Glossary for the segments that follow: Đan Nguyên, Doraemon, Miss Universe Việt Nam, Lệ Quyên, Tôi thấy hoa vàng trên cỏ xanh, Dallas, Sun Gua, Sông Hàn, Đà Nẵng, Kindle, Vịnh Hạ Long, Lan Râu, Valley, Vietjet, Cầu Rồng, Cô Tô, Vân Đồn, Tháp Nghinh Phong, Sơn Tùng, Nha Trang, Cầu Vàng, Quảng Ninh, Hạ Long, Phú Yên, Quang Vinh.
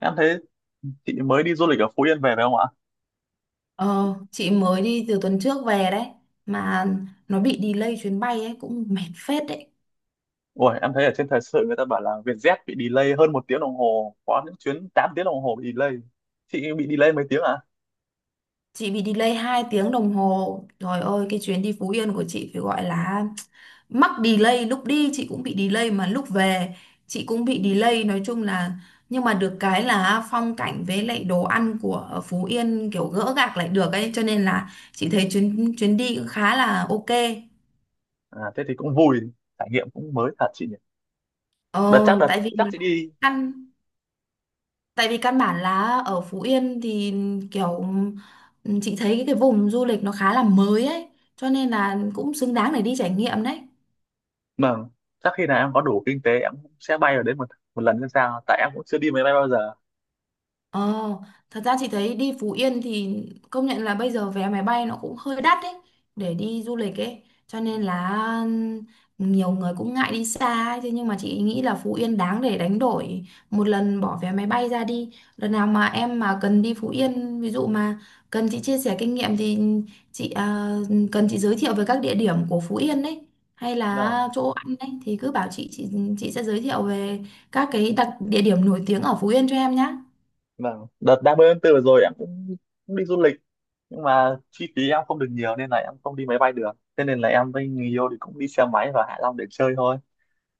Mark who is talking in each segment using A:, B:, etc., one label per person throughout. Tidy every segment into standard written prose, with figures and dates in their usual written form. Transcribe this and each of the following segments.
A: Em thấy chị mới đi du lịch ở Phú Yên về phải không ạ?
B: Ờ, chị mới đi từ tuần trước về đấy mà nó bị delay chuyến bay ấy cũng mệt phết đấy.
A: Ôi, em thấy ở trên thời sự người ta bảo là Vietjet bị delay hơn một tiếng đồng hồ, có những chuyến 8 tiếng đồng hồ bị delay. Chị bị delay mấy tiếng à?
B: Chị bị delay 2 tiếng đồng hồ. Trời ơi cái chuyến đi Phú Yên của chị phải gọi là mắc delay, lúc đi chị cũng bị delay mà lúc về chị cũng bị delay, nói chung là nhưng mà được cái là phong cảnh với lại đồ ăn của Phú Yên kiểu gỡ gạc lại được ấy cho nên là chị thấy chuyến chuyến đi cũng khá là ok.
A: À, thế thì cũng vui, trải nghiệm cũng mới thật chị nhỉ.
B: Ờ,
A: Đợt chắc đợt
B: tại vì
A: chắc
B: là
A: chị đi,
B: ăn. Tại vì căn bản là ở Phú Yên thì kiểu chị thấy cái vùng du lịch nó khá là mới ấy, cho nên là cũng xứng đáng để đi trải nghiệm đấy.
A: mà chắc khi nào em có đủ kinh tế em cũng sẽ bay ở đấy một một lần xem sao, tại em cũng chưa đi máy bay bao giờ.
B: Ờ, thật ra chị thấy đi Phú Yên thì công nhận là bây giờ vé máy bay nó cũng hơi đắt đấy để đi du lịch ấy, cho nên là ừ, nhiều người cũng ngại đi xa ấy. Thế nhưng mà chị nghĩ là Phú Yên đáng để đánh đổi một lần bỏ vé máy bay ra đi. Lần nào mà em mà cần đi Phú Yên ví dụ mà cần chị chia sẻ kinh nghiệm thì chị à, cần chị giới thiệu về các địa điểm của Phú Yên đấy hay là
A: Vâng,
B: chỗ ăn đấy thì cứ bảo chị, chị sẽ giới thiệu về các cái đặc địa điểm nổi tiếng ở Phú Yên cho em nhé.
A: vâng. Đợt 30 tháng 4 vừa rồi em cũng, cũng đi du lịch, nhưng mà chi phí em không được nhiều nên là em không đi máy bay được. Thế nên là em với người yêu thì cũng đi xe máy vào Hạ Long để chơi thôi.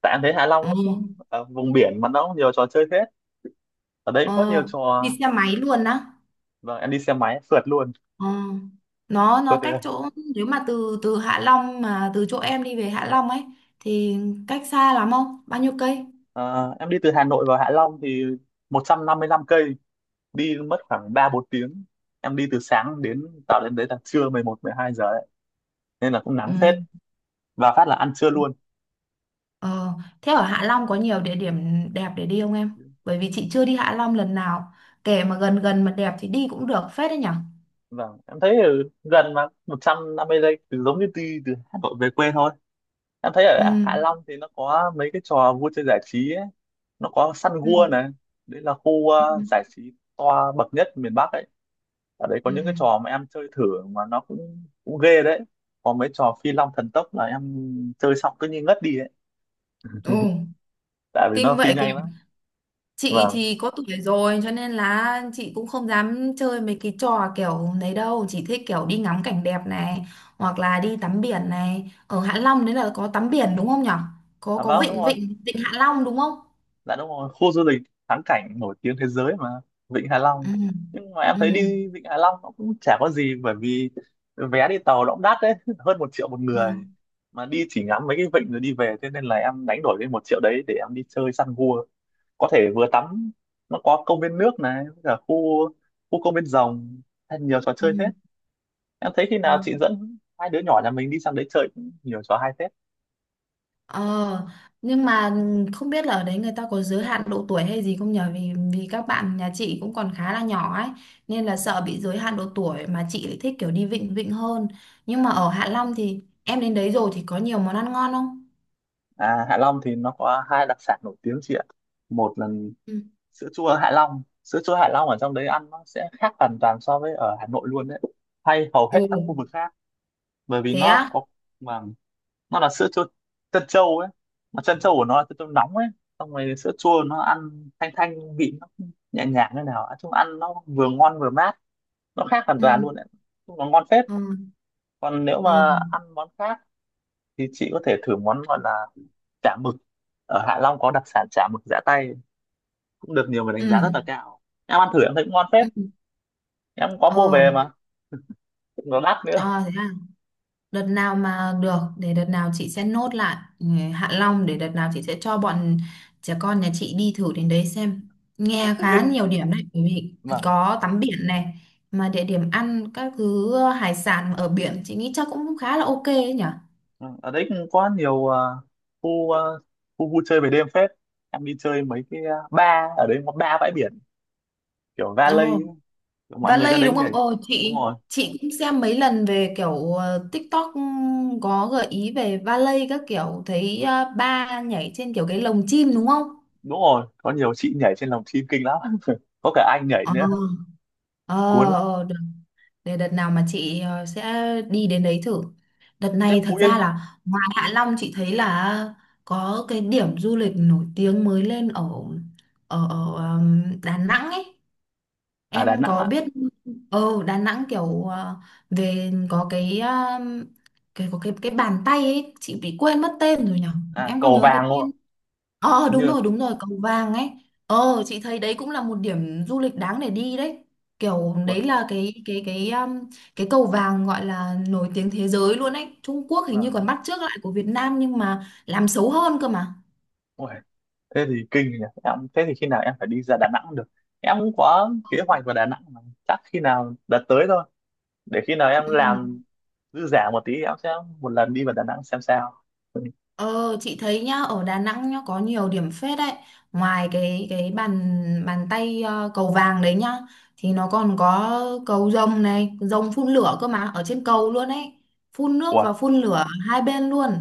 A: Tại em thấy Hạ Long nó cũng vùng biển mà nó cũng nhiều trò chơi hết, ở đấy cũng có nhiều
B: Ờ,
A: trò.
B: đi xe máy luôn á.
A: Vâng, em đi xe máy phượt luôn,
B: Ờ. Nó
A: phượt
B: nó
A: từ
B: cách chỗ, nếu mà từ từ Hạ Long mà từ chỗ em đi về Hạ Long ấy thì cách xa lắm không? Bao nhiêu cây?
A: ờ, em đi từ Hà Nội vào Hạ Long thì 155 cây, đi mất khoảng 3 4 tiếng. Em đi từ sáng đến, tạo đến đấy là trưa 11 12 giờ đấy nên là cũng
B: Ừ.
A: nắng phết, và phát là ăn trưa luôn.
B: Ờ, thế ở Hạ Long có nhiều địa điểm đẹp để đi không em? Bởi vì chị chưa đi Hạ Long lần nào. Kể mà gần gần mà đẹp thì đi cũng được phết đấy nhở?
A: Vâng, em thấy ở gần mà 150 giây, từ giống như đi từ Hà Nội về quê thôi. Em thấy
B: Ừ.
A: ở Hạ Long thì nó có mấy cái trò vui chơi giải trí ấy. Nó có Sun
B: Ừ.
A: Gua này, đấy là khu
B: Ừ.
A: giải trí toa bậc nhất miền Bắc ấy. Ở đấy có
B: Ừ.
A: những cái trò mà em chơi thử mà nó cũng cũng ghê đấy, có mấy trò phi long thần tốc là em chơi xong cứ như ngất đi ấy
B: Ồ,
A: tại vì
B: kinh
A: nó phi
B: vậy.
A: nhanh lắm.
B: Chị
A: Vâng.
B: thì có tuổi rồi cho nên là chị cũng không dám chơi mấy cái trò kiểu đấy đâu, chỉ thích kiểu đi ngắm cảnh đẹp này hoặc là đi tắm biển này. Ở Hạ Long đấy là có tắm biển đúng không nhở? có
A: À
B: có
A: vâng, đúng
B: vịnh
A: rồi.
B: vịnh vịnh Hạ Long đúng không?
A: Dạ đúng rồi, khu du lịch thắng cảnh nổi tiếng thế giới mà, Vịnh Hạ
B: Ừ.
A: Long. Nhưng mà em
B: Ừ.
A: thấy đi Vịnh Hạ Long nó cũng chả có gì, bởi vì vé đi tàu nó cũng đắt đấy hơn 1 triệu một
B: Ừ.
A: người, mà đi chỉ ngắm mấy cái vịnh rồi đi về. Thế nên là em đánh đổi cái 1 triệu đấy để em đi chơi săn gua, có thể vừa tắm. Nó có công viên nước này với cả khu, khu công viên rồng, hay nhiều trò
B: Ừ,
A: chơi hết. Em thấy khi nào
B: ừ.
A: chị dẫn hai đứa nhỏ nhà mình đi sang đấy chơi cũng nhiều trò hay phết.
B: Ờ, nhưng mà không biết là ở đấy người ta có giới hạn độ tuổi hay gì không nhở? Vì vì các bạn nhà chị cũng còn khá là nhỏ ấy, nên là sợ bị giới hạn độ tuổi, mà chị lại thích kiểu đi vịnh vịnh hơn. Nhưng mà ở Hạ
A: À,
B: Long thì em đến đấy rồi thì có nhiều món ăn ngon không?
A: à, Hạ Long thì nó có hai đặc sản nổi tiếng chị ạ. Một là
B: Ừ.
A: sữa chua Hạ Long, sữa chua Hạ Long ở trong đấy ăn nó sẽ khác hoàn toàn so với ở Hà Nội luôn đấy, hay hầu hết
B: Ồ,
A: các khu vực khác, bởi vì
B: thế
A: nó
B: á?
A: có, mà nó là sữa chua trân châu ấy, mà trân châu của nó là trân châu nóng ấy, xong rồi sữa chua nó ăn thanh thanh, vị nó nhẹ nhàng như nào, nói chung ăn nó vừa ngon vừa mát, nó khác hoàn toàn
B: Ừ.
A: luôn đấy. Nói chung nó ngon phết.
B: Ừ,
A: Còn nếu
B: ừ,
A: mà ăn món khác thì chị có thể thử món gọi là chả mực, ở Hạ Long có đặc sản chả mực giã tay, cũng được nhiều người
B: ừ,
A: đánh giá rất là cao, em ăn thử em thấy cũng ngon phết.
B: ừ,
A: Em có mua
B: ờ,
A: về mà cũng nó đắt nữa.
B: à, thế à? Đợt nào mà được, để đợt nào chị sẽ nốt lại ừ, Hạ Long, để đợt nào chị sẽ cho bọn trẻ con nhà chị đi thử đến đấy xem,
A: Thế
B: nghe
A: Phú
B: khá
A: Yên
B: nhiều điểm đấy. Bởi vì
A: mà,
B: có tắm biển này, mà địa điểm ăn các thứ ờ, hải sản ở biển chị nghĩ chắc cũng khá là ok ấy nhỉ.
A: ừ, ở đấy cũng có nhiều khu, khu vui chơi về đêm phết. Em đi chơi mấy cái bar ở đấy có ba bãi biển kiểu valet
B: Ồ,
A: ấy. Kiểu mọi người ra
B: Valley
A: đấy
B: đúng không?
A: nhảy,
B: Ồ,
A: đúng
B: chị
A: rồi
B: chị cũng xem mấy lần về kiểu ờ, TikTok ừ, có gợi ý về Valley các kiểu, thấy ờ, ba nhảy trên kiểu cái lồng chim đúng không?
A: đúng rồi, có nhiều chị nhảy trên lòng chim kinh lắm có cả anh nhảy
B: Ờ,
A: nữa,
B: ờ,
A: cuốn lắm.
B: ờ, để đợt nào mà chị ờ, sẽ đi đến đấy thử. Đợt
A: Thế
B: này
A: Phú
B: thật ra
A: Yên.
B: là ngoài Hạ Long chị thấy là có cái điểm du lịch nổi tiếng mới lên ở ở, ở Đà Nẵng ấy,
A: À Đà
B: em
A: Nẵng
B: có
A: ạ?
B: biết. Ờ Đà Nẵng kiểu ờ, về có cái có cái bàn tay ấy, chị bị quên mất tên rồi nhở,
A: À,
B: em có
A: Cầu
B: nhớ cái
A: Vàng luôn ạ.
B: tên. Ờ
A: Hình
B: đúng
A: như
B: rồi đúng rồi, cầu vàng ấy. Ờ chị thấy đấy cũng là một điểm du lịch đáng để đi đấy. Kiểu
A: ui,
B: đấy là cái cái cầu vàng gọi là nổi tiếng thế giới luôn ấy. Trung Quốc hình như còn
A: vàng,
B: bắt chước lại của Việt Nam nhưng mà làm xấu hơn cơ mà.
A: ui, thế thì kinh nhỉ. Em thế thì khi nào em phải đi ra Đà Nẵng được, em cũng có kế hoạch vào Đà Nẵng mà. Chắc khi nào đợt tới thôi, để khi nào em
B: Ừ.
A: làm dư giả một tí thì em sẽ một lần đi vào Đà Nẵng xem sao.
B: Ờ chị thấy nhá, ở Đà Nẵng nhá có nhiều điểm phết đấy, ngoài cái bàn bàn tay ờ, cầu vàng đấy nhá, thì nó còn có cầu rồng này, rồng phun lửa cơ mà, ở trên cầu luôn ấy, phun nước
A: Ui,
B: và phun lửa hai bên luôn.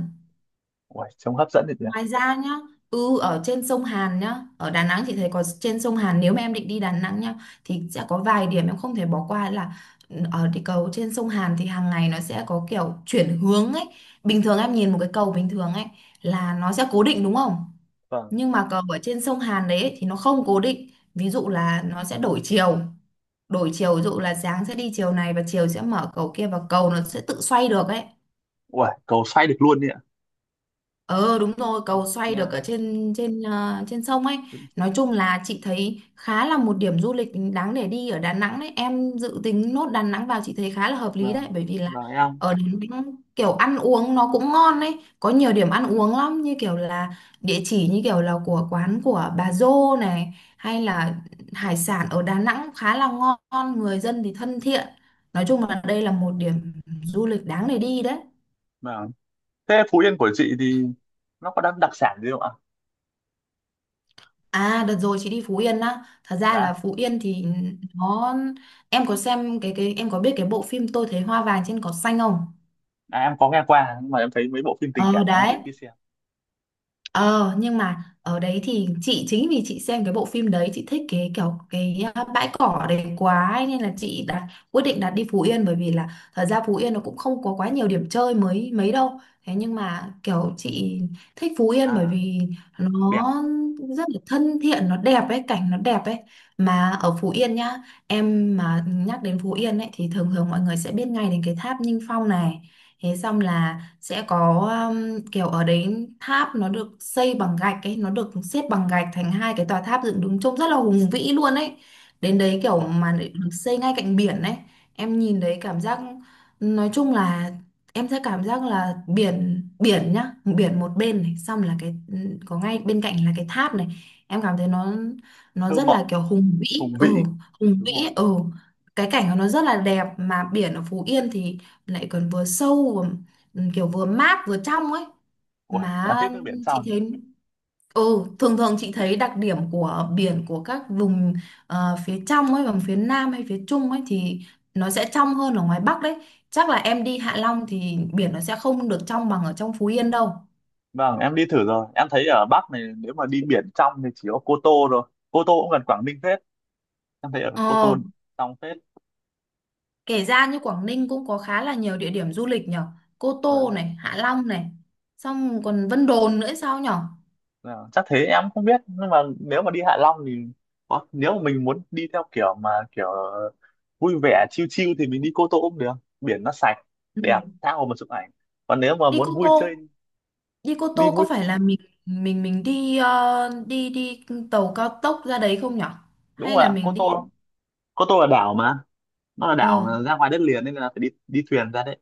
A: ui trông hấp dẫn được nhỉ.
B: Ngoài ra nhá, ừ ở trên sông Hàn nhá, ở Đà Nẵng chị thấy có trên sông Hàn, nếu mà em định đi Đà Nẵng nhá thì sẽ có vài điểm em không thể bỏ qua là ừ, ở cái cầu trên sông Hàn thì hàng ngày nó sẽ có kiểu chuyển hướng ấy. Bình thường em nhìn một cái cầu bình thường ấy là nó sẽ cố định đúng không?
A: Vâng.
B: Nhưng mà cầu ở trên sông Hàn đấy thì nó không cố định. Ví dụ là nó sẽ đổi chiều ví dụ là sáng sẽ đi chiều này và chiều sẽ mở cầu kia, và cầu nó sẽ tự xoay được ấy.
A: Ui cầu xoay được luôn đấy ạ.
B: Ờ đúng rồi, cầu xoay được ở
A: Nha.
B: trên trên ờ, trên sông ấy. Nói chung là chị thấy khá là một điểm du lịch đáng để đi ở Đà Nẵng đấy. Em dự tính nốt Đà Nẵng vào chị thấy khá là hợp lý đấy,
A: Vâng,
B: bởi vì là
A: vâng em,
B: ở Đà Nẵng kiểu ăn uống nó cũng ngon đấy, có nhiều điểm ăn uống lắm, như kiểu là địa chỉ như kiểu là của quán của bà Dô này, hay là hải sản ở Đà Nẵng khá là ngon, người dân thì thân thiện. Nói chung là đây là một điểm du lịch đáng để đi đấy.
A: vâng. Thế Phú Yên của chị thì nó có đặc đặc sản gì không ạ?
B: À đợt rồi chị đi Phú Yên á. Thật ra là
A: Dạ.
B: Phú Yên thì nó. Em có xem cái Em có biết cái bộ phim Tôi Thấy Hoa Vàng Trên Cỏ Xanh không?
A: À, em có nghe qua nhưng mà em thấy mấy bộ phim tình
B: Ờ
A: cảm em
B: đấy.
A: ít khi xem.
B: Ờ nhưng mà ở đấy thì chị, chính vì chị xem cái bộ phim đấy chị thích cái kiểu cái à, bãi cỏ đấy quá ấy, nên là chị đặt quyết định đặt đi Phú Yên, bởi vì là thật ra Phú Yên nó cũng không có quá nhiều điểm chơi mới mấy đâu, thế nhưng mà kiểu chị thích Phú Yên
A: À,
B: bởi vì
A: đẹp.
B: nó rất là thân thiện, nó đẹp ấy, cảnh nó đẹp ấy. Mà ở Phú Yên nhá, em mà nhắc đến Phú Yên ấy thì thường thường mọi người sẽ biết ngay đến cái tháp Nghinh Phong này, thế xong là sẽ có kiểu ở đấy tháp nó được xây bằng gạch ấy, nó được xếp bằng gạch thành 2 cái tòa tháp dựng đứng trông rất là hùng vĩ luôn ấy. Đến đấy kiểu
A: Ui,
B: mà lại được xây ngay cạnh biển ấy, em nhìn đấy cảm giác, nói chung là em sẽ cảm giác là biển biển nhá, biển một bên này, xong là cái có ngay bên cạnh là cái tháp này, em cảm thấy nó
A: thơ
B: rất là
A: mộng,
B: kiểu hùng vĩ
A: hùng
B: ừ,
A: vĩ
B: hùng vĩ
A: đúng không.
B: ấy, ừ. Cái cảnh của nó rất là đẹp, mà biển ở Phú Yên thì lại còn vừa sâu ừ, kiểu vừa mát vừa trong ấy
A: Ui em
B: mà.
A: thích nước biển
B: Chị
A: trong.
B: thấy ừ, thường thường chị thấy đặc điểm của biển của các vùng ờ, phía trong ấy, vùng phía Nam hay phía Trung ấy thì nó sẽ trong hơn ở ngoài Bắc đấy. Chắc là em đi Hạ Long thì biển nó sẽ không được trong bằng ở trong Phú Yên đâu.
A: Vâng em đi thử rồi em thấy ở Bắc này nếu mà đi biển trong thì chỉ có Cô Tô rồi, Cô Tô cũng gần Quảng Ninh. Thế em thấy ở Cô
B: Ờ,
A: Tôn xong phết.
B: kể ra như Quảng Ninh cũng có khá là nhiều địa điểm du lịch nhở, Cô Tô
A: Vâng,
B: này, Hạ Long này, xong còn Vân Đồn nữa sao nhở.
A: vâng. Chắc thế em không biết, nhưng mà nếu mà đi Hạ Long thì có, nếu mà mình muốn đi theo kiểu mà kiểu vui vẻ chill chill thì mình đi Cô Tô cũng được, biển nó sạch
B: Ừ.
A: đẹp tha hồ mà chụp ảnh. Còn nếu mà
B: Đi Cô
A: muốn vui chơi,
B: Tô, đi Cô
A: đi
B: Tô
A: vui
B: có phải
A: chơi.
B: là mình đi ờ, đi đi tàu cao tốc ra đấy không nhở?
A: Đúng
B: Hay
A: rồi
B: là
A: ạ. Cô
B: mình đi
A: Tô, Cô Tô là đảo mà, nó là đảo
B: ờ
A: ra ngoài đất liền nên là phải đi đi thuyền ra đấy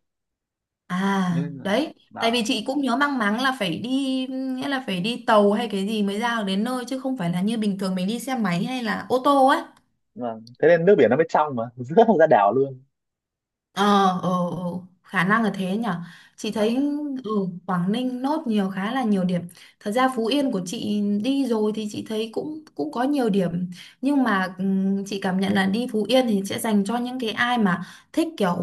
B: à
A: nên là
B: đấy, tại vì
A: đảo.
B: chị cũng nhớ mang máng là phải đi, nghĩa là phải đi tàu hay cái gì mới ra được đến nơi, chứ không phải là như bình thường mình đi xe máy hay là ô tô ấy.
A: Vâng thế nên nước biển nó mới trong mà rớt ra đảo luôn.
B: Ờ, ờ, ờ, khả năng là thế nhở. Chị thấy
A: Vâng.
B: ừ, Quảng Ninh nốt nhiều, khá là nhiều điểm. Thật ra Phú Yên của chị đi rồi thì chị thấy cũng cũng có nhiều điểm, nhưng mà chị cảm nhận là đi Phú Yên thì sẽ dành cho những cái ai mà thích kiểu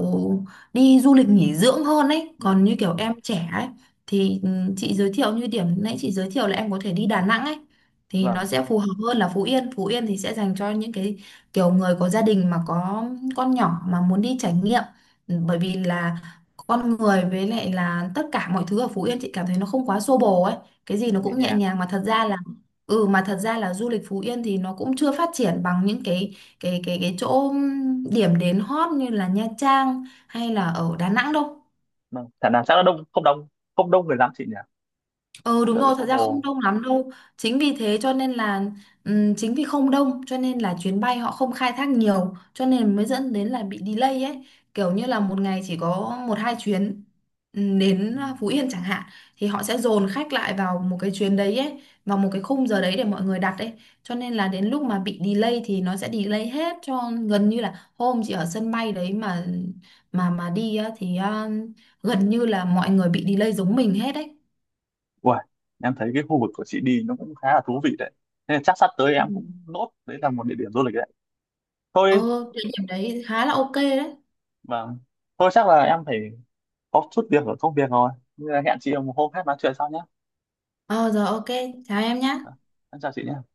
B: đi du lịch nghỉ dưỡng hơn ấy. Còn
A: Vâng
B: như
A: của
B: kiểu
A: mình.
B: em trẻ ấy thì chị giới thiệu như điểm nãy chị giới thiệu là em có thể đi Đà Nẵng ấy thì nó
A: Vâng,
B: sẽ phù hợp hơn là Phú Yên. Phú Yên thì sẽ dành cho những cái kiểu người có gia đình mà có con nhỏ mà muốn đi trải nghiệm. Ừ, bởi vì là con người với lại là tất cả mọi thứ ở Phú Yên chị cảm thấy nó không quá xô bồ ấy, cái gì nó
A: nhẹ
B: cũng nhẹ
A: nhàng.
B: nhàng mà. Thật ra là ừ, mà thật ra là du lịch Phú Yên thì nó cũng chưa phát triển bằng những cái chỗ điểm đến hot như là Nha Trang hay là ở Đà Nẵng đâu.
A: Vâng thả nào chắc nó đông, không đông, không đông người lắm chị nhỉ.
B: Ừ
A: Cũng
B: đúng
A: đỡ bị
B: rồi,
A: xô
B: thật ra không
A: bồ.
B: đông lắm đâu. Chính vì thế cho nên là chính vì không đông cho nên là chuyến bay họ không khai thác nhiều cho nên mới dẫn đến là bị delay ấy. Kiểu như là một ngày chỉ có 1 2 chuyến đến
A: Ừ.
B: Phú Yên chẳng hạn, thì họ sẽ dồn khách lại vào một cái chuyến đấy ấy, vào một cái khung giờ đấy để mọi người đặt ấy. Cho nên là đến lúc mà bị delay thì nó sẽ delay hết, cho gần như là hôm chị ở sân bay đấy mà mà đi á, thì à, gần như là mọi người bị delay giống mình hết đấy.
A: Uầy, em thấy cái khu vực của chị đi nó cũng khá là thú vị đấy, nên là chắc sắp tới em cũng nốt đấy là một địa điểm du lịch đấy
B: Ờ,
A: thôi.
B: địa điểm đấy khá là ok đấy.
A: Vâng, thôi chắc là em phải có chút việc ở công việc rồi, nên là hẹn chị một hôm khác nói chuyện sau nhé.
B: Ờ, rồi ok, chào em nhé.
A: À, em chào chị nhé.